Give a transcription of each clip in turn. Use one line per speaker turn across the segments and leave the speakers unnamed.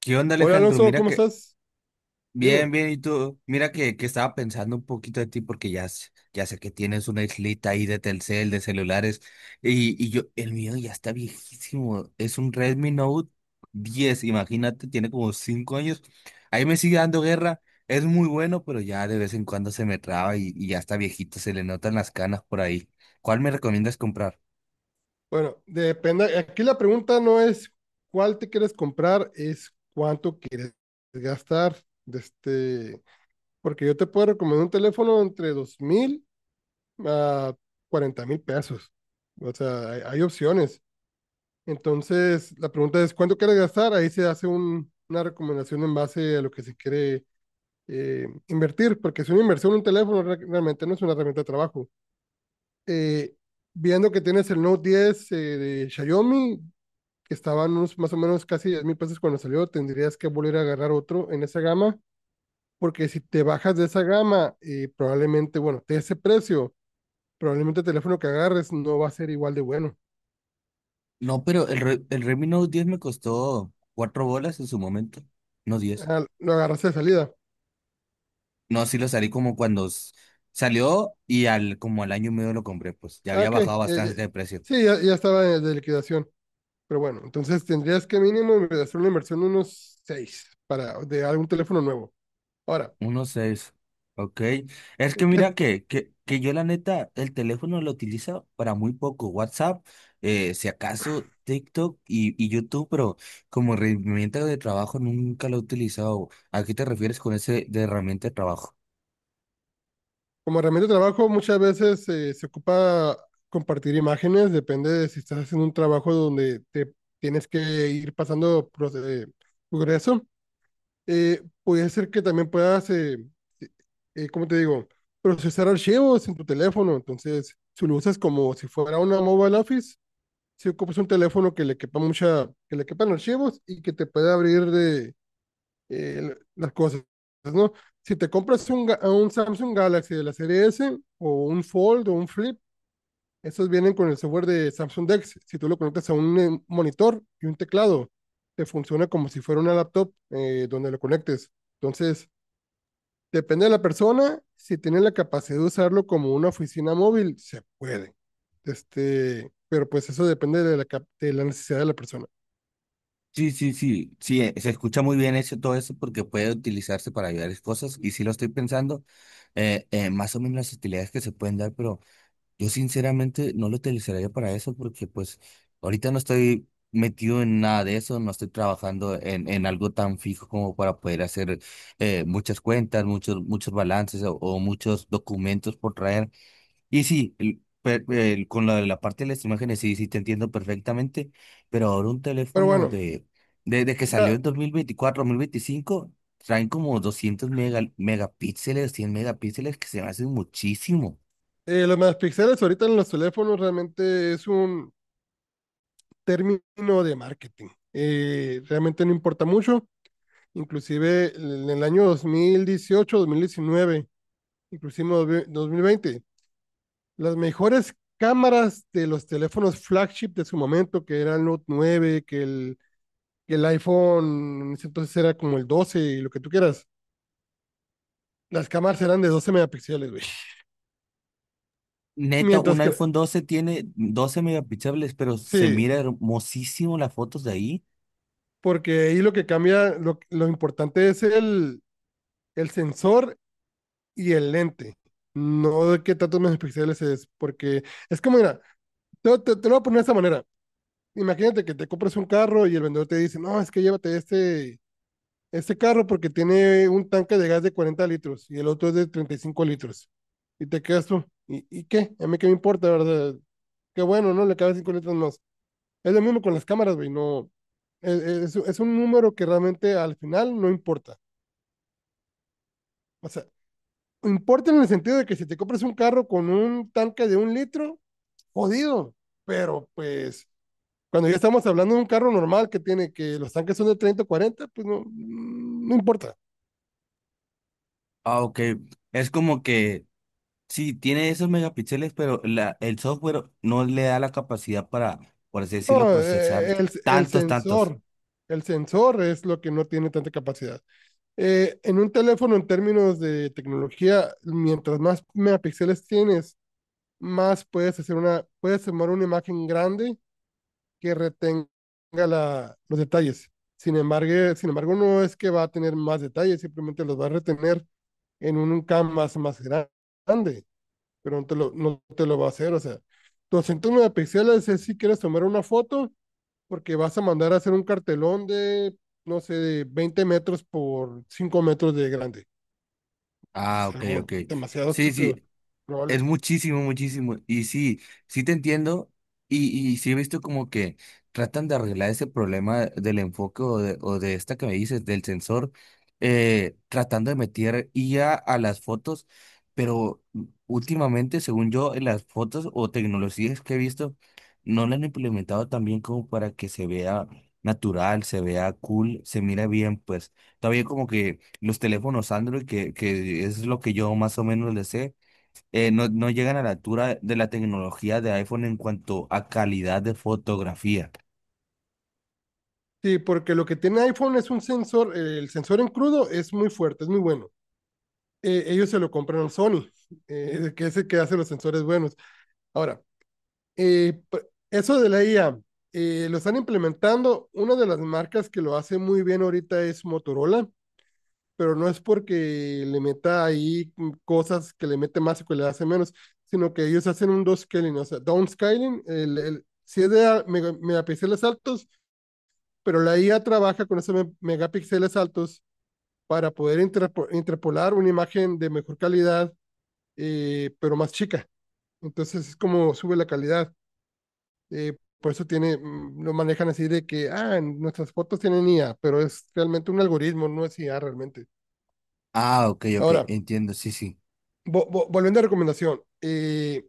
¿Qué onda,
Hola
Alejandro?
Alonso,
Mira
¿cómo
que,
estás? Dime.
bien, bien, y tú, mira que, estaba pensando un poquito de ti porque ya, ya sé que tienes una islita ahí de Telcel, de celulares, y yo, el mío ya está viejísimo, es un Redmi Note diez. Imagínate, tiene como 5 años, ahí me sigue dando guerra, es muy bueno, pero ya de vez en cuando se me traba y ya está viejito, se le notan las canas por ahí. ¿Cuál me recomiendas comprar?
Bueno, depende. Aquí la pregunta no es cuál te quieres comprar, es cuánto quieres gastar. De este, porque yo te puedo recomendar un teléfono entre 2,000 a 40,000 pesos. O sea, hay opciones. Entonces, la pregunta es cuánto quieres gastar. Ahí se hace una recomendación en base a lo que se quiere invertir, porque es una inversión, un teléfono realmente no es una herramienta de trabajo. eh, Viendo que tienes el Note 10 de Xiaomi, que estaban unos más o menos casi 10,000 pesos cuando salió, tendrías que volver a agarrar otro en esa gama, porque si te bajas de esa gama, probablemente, bueno, de ese precio, probablemente el teléfono que agarres no va a ser igual de bueno.
No, pero el Redmi Note diez me costó 4 bolas en su momento, no 10.
Ah, lo agarraste de salida.
No, sí lo salí como cuando salió y al como al año y medio lo compré, pues ya
Ah,
había
ok.
bajado bastante de precio.
Sí, ya, ya estaba de liquidación. Pero bueno, entonces tendrías que mínimo hacer una inversión de unos 6 para de algún teléfono nuevo. Ahora,
Uno seis. Ok. Es que
¿qué?
mira que, yo la neta, el teléfono lo utilizo para muy poco. WhatsApp, si acaso TikTok y YouTube, pero como herramienta de trabajo nunca lo he utilizado. ¿A qué te refieres con ese de herramienta de trabajo?
Como herramienta de trabajo, muchas veces se ocupa compartir imágenes, depende de si estás haciendo un trabajo donde te tienes que ir pasando progreso. Puede ser que también puedas, ¿cómo te digo?, procesar archivos en tu teléfono. Entonces, si lo usas como si fuera una mobile office, si ocupas un teléfono que le quepa mucha, que le quepan archivos y que te pueda abrir las cosas, ¿no? Si te compras un Samsung Galaxy de la serie S o un Fold o un Flip, esos vienen con el software de Samsung Dex. Si tú lo conectas a un monitor y un teclado, te funciona como si fuera una laptop donde lo conectes. Entonces, depende de la persona. Si tiene la capacidad de usarlo como una oficina móvil, se puede. Este, pero pues eso depende de la necesidad de la persona.
Sí, sí, sí, sí, se escucha muy bien eso, todo eso porque puede utilizarse para varias cosas y sí lo estoy pensando, más o menos las utilidades que se pueden dar, pero yo sinceramente no lo utilizaría para eso porque pues ahorita no estoy metido en nada de eso, no estoy trabajando en algo tan fijo como para poder hacer muchas cuentas, muchos, muchos balances o muchos documentos por traer. Y sí, con la parte de las imágenes sí, sí te entiendo perfectamente, pero ahora un
Pero
teléfono
bueno,
de, desde que salió en
mira,
2024 2025, traen como 200 megapíxeles, 100 megapíxeles, que se me hacen muchísimo.
los megapíxeles ahorita en los teléfonos realmente es un término de marketing. Realmente no importa mucho. Inclusive en el año 2018, 2019, inclusive 2020, las mejores cámaras de los teléfonos flagship de su momento, que era el Note nueve, que el iPhone en ese entonces era como el 12 y lo que tú quieras. Las cámaras eran de 12 megapíxeles, güey.
Neta,
Mientras
un
que,
iPhone doce tiene 12 megapíxeles, pero se
sí,
mira hermosísimo las fotos de ahí.
porque ahí lo que cambia, lo importante es el sensor y el lente, no de qué tantos megapíxeles es, porque es como, mira, te lo voy a poner de esta manera. Imagínate que te compras un carro y el vendedor te dice, no, es que llévate este carro porque tiene un tanque de gas de 40 litros y el otro es de 35 litros. Y te quedas tú, ¿y qué? A mí qué me importa, ¿verdad? Qué bueno, ¿no? Le cabe 5 litros más. Es lo mismo con las cámaras, güey, no. Es, es un número que realmente al final no importa. O sea, importa en el sentido de que si te compras un carro con un tanque de un litro, jodido, pero pues cuando ya estamos hablando de un carro normal que tiene que los tanques son de 30 o cuarenta, pues no, no importa.
Ah, ok. Es como que sí, tiene esos megapíxeles, pero el software no le da la capacidad para, por así decirlo,
No,
procesar
el
tantos, tantos.
sensor, el sensor es lo que no tiene tanta capacidad. En un teléfono, en términos de tecnología, mientras más megapíxeles tienes, más puedes hacer una, puedes tomar una imagen grande que retenga la, los detalles. Sin embargo, no es que va a tener más detalles, simplemente los va a retener en un canvas más grande, pero no te lo va a hacer. O sea, 209 píxeles es si quieres tomar una foto, porque vas a mandar a hacer un cartelón de, no sé, de 20 metros por 5 metros de grande.
Ah,
Es
ok, ok.
algo demasiado
Sí,
estúpido,
sí, es
probable.
muchísimo, muchísimo. Y sí, sí te entiendo. Y sí he visto como que tratan de arreglar ese problema del enfoque o de esta que me dices, del sensor, tratando de meter IA a las fotos. Pero últimamente, según yo, en las fotos o tecnologías que he visto, no la han implementado tan bien como para que se vea natural, se vea cool, se mira bien. Pues todavía como que los teléfonos Android, que es lo que yo más o menos le sé, no, no llegan a la altura de la tecnología de iPhone en cuanto a calidad de fotografía.
Sí, porque lo que tiene iPhone es un sensor, el sensor en crudo es muy fuerte, es muy bueno. Ellos se lo compraron Sony, que es el que hace los sensores buenos. Ahora, eh, eso de la IA, lo están implementando. Una de las marcas que lo hace muy bien ahorita es Motorola, pero no es porque le meta ahí cosas que le mete más o que le hace menos, sino que ellos hacen un downscaling, o sea, downscaling, si es de megapíxeles altos, pero la IA trabaja con esos megapíxeles altos para poder interpolar una imagen de mejor calidad, pero más chica. Entonces es como sube la calidad. Por eso tiene, lo manejan así de que, ah, en nuestras fotos tienen IA, pero es realmente un algoritmo, no es IA realmente.
Ah, ok, ok,
Ahora,
entiendo, sí, sí.
volviendo a recomendación,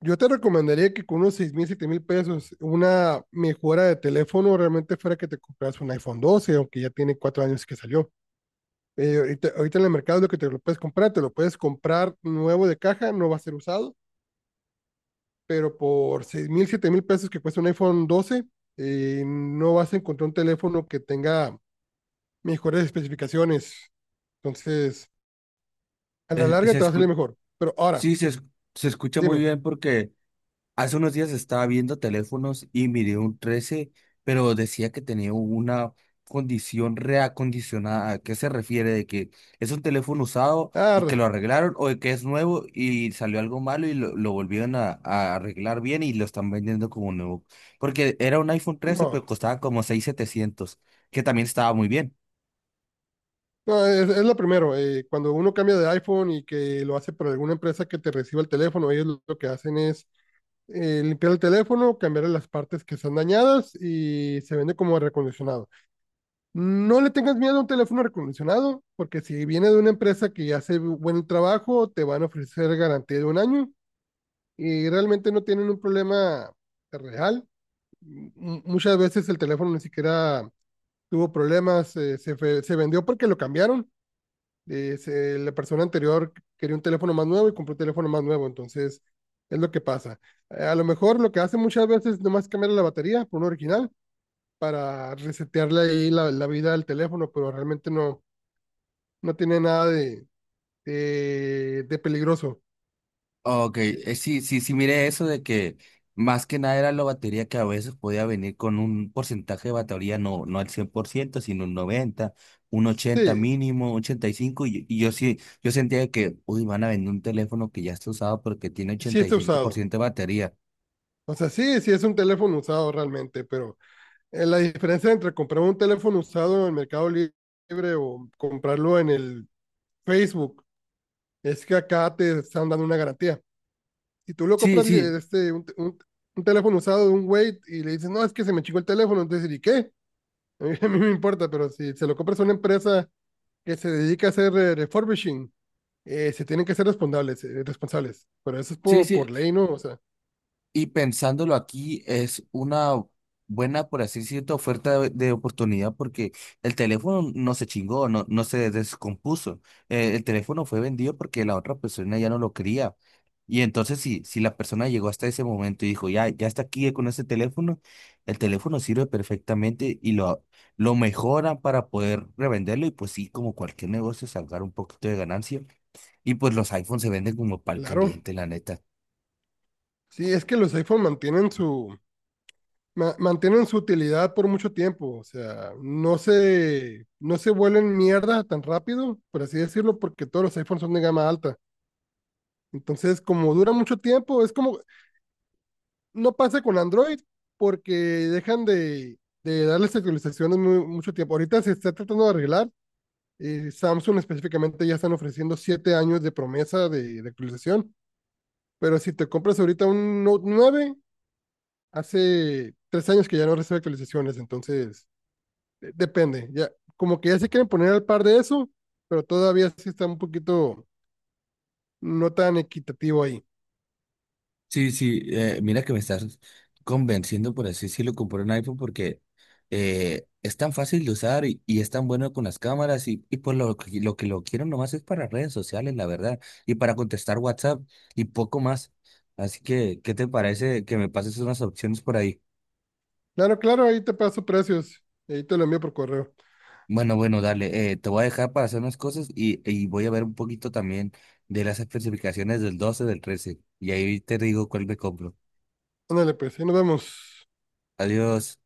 yo te recomendaría que con unos 6,000, 7,000 pesos, una mejora de teléfono realmente fuera que te compras un iPhone 12, aunque ya tiene 4 años que salió. Ahorita en el mercado lo que te lo puedes comprar, te lo puedes comprar nuevo de caja, no va a ser usado, pero por 6,000, 7,000 pesos que cuesta un iPhone 12, no vas a encontrar un teléfono que tenga mejores especificaciones. Entonces, a la
Eh,
larga
se
te va a salir
escu-
mejor. Pero ahora,
sí, se escucha muy
dime.
bien porque hace unos días estaba viendo teléfonos y miré un 13, pero decía que tenía una condición reacondicionada. ¿A qué se refiere? ¿De que es un teléfono usado y que
arre,
lo arreglaron o de que es nuevo y salió algo malo y lo volvieron a arreglar bien y lo están vendiendo como nuevo? Porque era un iPhone 13,
no,
pero costaba como 6,700, que también estaba muy bien.
no, es lo primero. Cuando uno cambia de iPhone y que lo hace por alguna empresa que te reciba el teléfono, ellos lo que hacen es limpiar el teléfono, cambiar las partes que están dañadas y se vende como recondicionado. No le tengas miedo a un teléfono recondicionado, porque si viene de una empresa que hace buen trabajo, te van a ofrecer garantía de 1 año y realmente no tienen un problema real. Muchas veces el teléfono ni siquiera tuvo problemas, se vendió porque lo cambiaron. La persona anterior quería un teléfono más nuevo y compró un teléfono más nuevo, entonces es lo que pasa. A lo mejor lo que hacen muchas veces es nomás cambiar la batería por un original para resetearle ahí la vida al teléfono, pero realmente no. No tiene nada de peligroso.
Ok, sí, sí, sí, mire eso de que más que nada era la batería que a veces podía venir con un porcentaje de batería, no, no al 100%, sino un 90, un 80
Sí,
mínimo, ochenta y cinco. Y y yo sí, yo sentía que, uy, van a vender un teléfono que ya está usado porque tiene
sí
ochenta y
está
cinco por
usado.
ciento de batería.
O sea, sí, sí es un teléfono usado realmente, pero la diferencia entre comprar un teléfono usado en el Mercado Libre o comprarlo en el Facebook es que acá te están dando una garantía. Si tú lo
Sí,
compras
sí,
un teléfono usado de un güey y le dices, no, es que se me chingó el teléfono, entonces, ¿y qué? A mí, me importa, pero si se lo compras a una empresa que se dedica a hacer refurbishing, se tienen que ser responsables, responsables. Pero eso es
sí,
por,
sí,
por ley, ¿no? O sea,
y pensándolo aquí, es una buena, por así decirlo, oferta de oportunidad porque el teléfono no se chingó, no, no se descompuso. El teléfono fue vendido porque la otra persona ya no lo quería. Y entonces, si, si la persona llegó hasta ese momento y dijo, ya, ya está aquí con ese teléfono, el teléfono sirve perfectamente lo mejoran para poder revenderlo y pues sí, como cualquier negocio, sacar un poquito de ganancia. Y pues los iPhones se venden como pal
claro.
caliente, la neta.
Sí, es que los iPhone mantienen su utilidad por mucho tiempo. O sea, no se vuelven mierda tan rápido, por así decirlo, porque todos los iPhones son de gama alta. Entonces, como dura mucho tiempo, es como, no pasa con Android, porque dejan de darles actualizaciones mucho tiempo. Ahorita se está tratando de arreglar. Samsung específicamente ya están ofreciendo 7 años de promesa de actualización. Pero si te compras ahorita un Note 9 hace 3 años que ya no recibe actualizaciones, entonces depende. Ya, como que ya se quieren poner al par de eso, pero todavía sí está un poquito no tan equitativo ahí.
Sí, sí, mira que me estás convenciendo, por así decirlo, comprar un iPhone porque es tan fácil de usar y es tan bueno con las cámaras y por lo que lo quiero nomás es para redes sociales, la verdad, y para contestar WhatsApp y poco más. Así que, ¿qué te parece que me pases unas opciones por ahí?
Claro, claro, ahí te paso precios. Ahí te lo envío por correo.
Bueno, bueno, dale, te voy a dejar para hacer unas cosas y voy a ver un poquito también de las especificaciones del 12 del 13 y ahí te digo cuál me compro.
Ándale, pues, ahí nos vemos.
Adiós.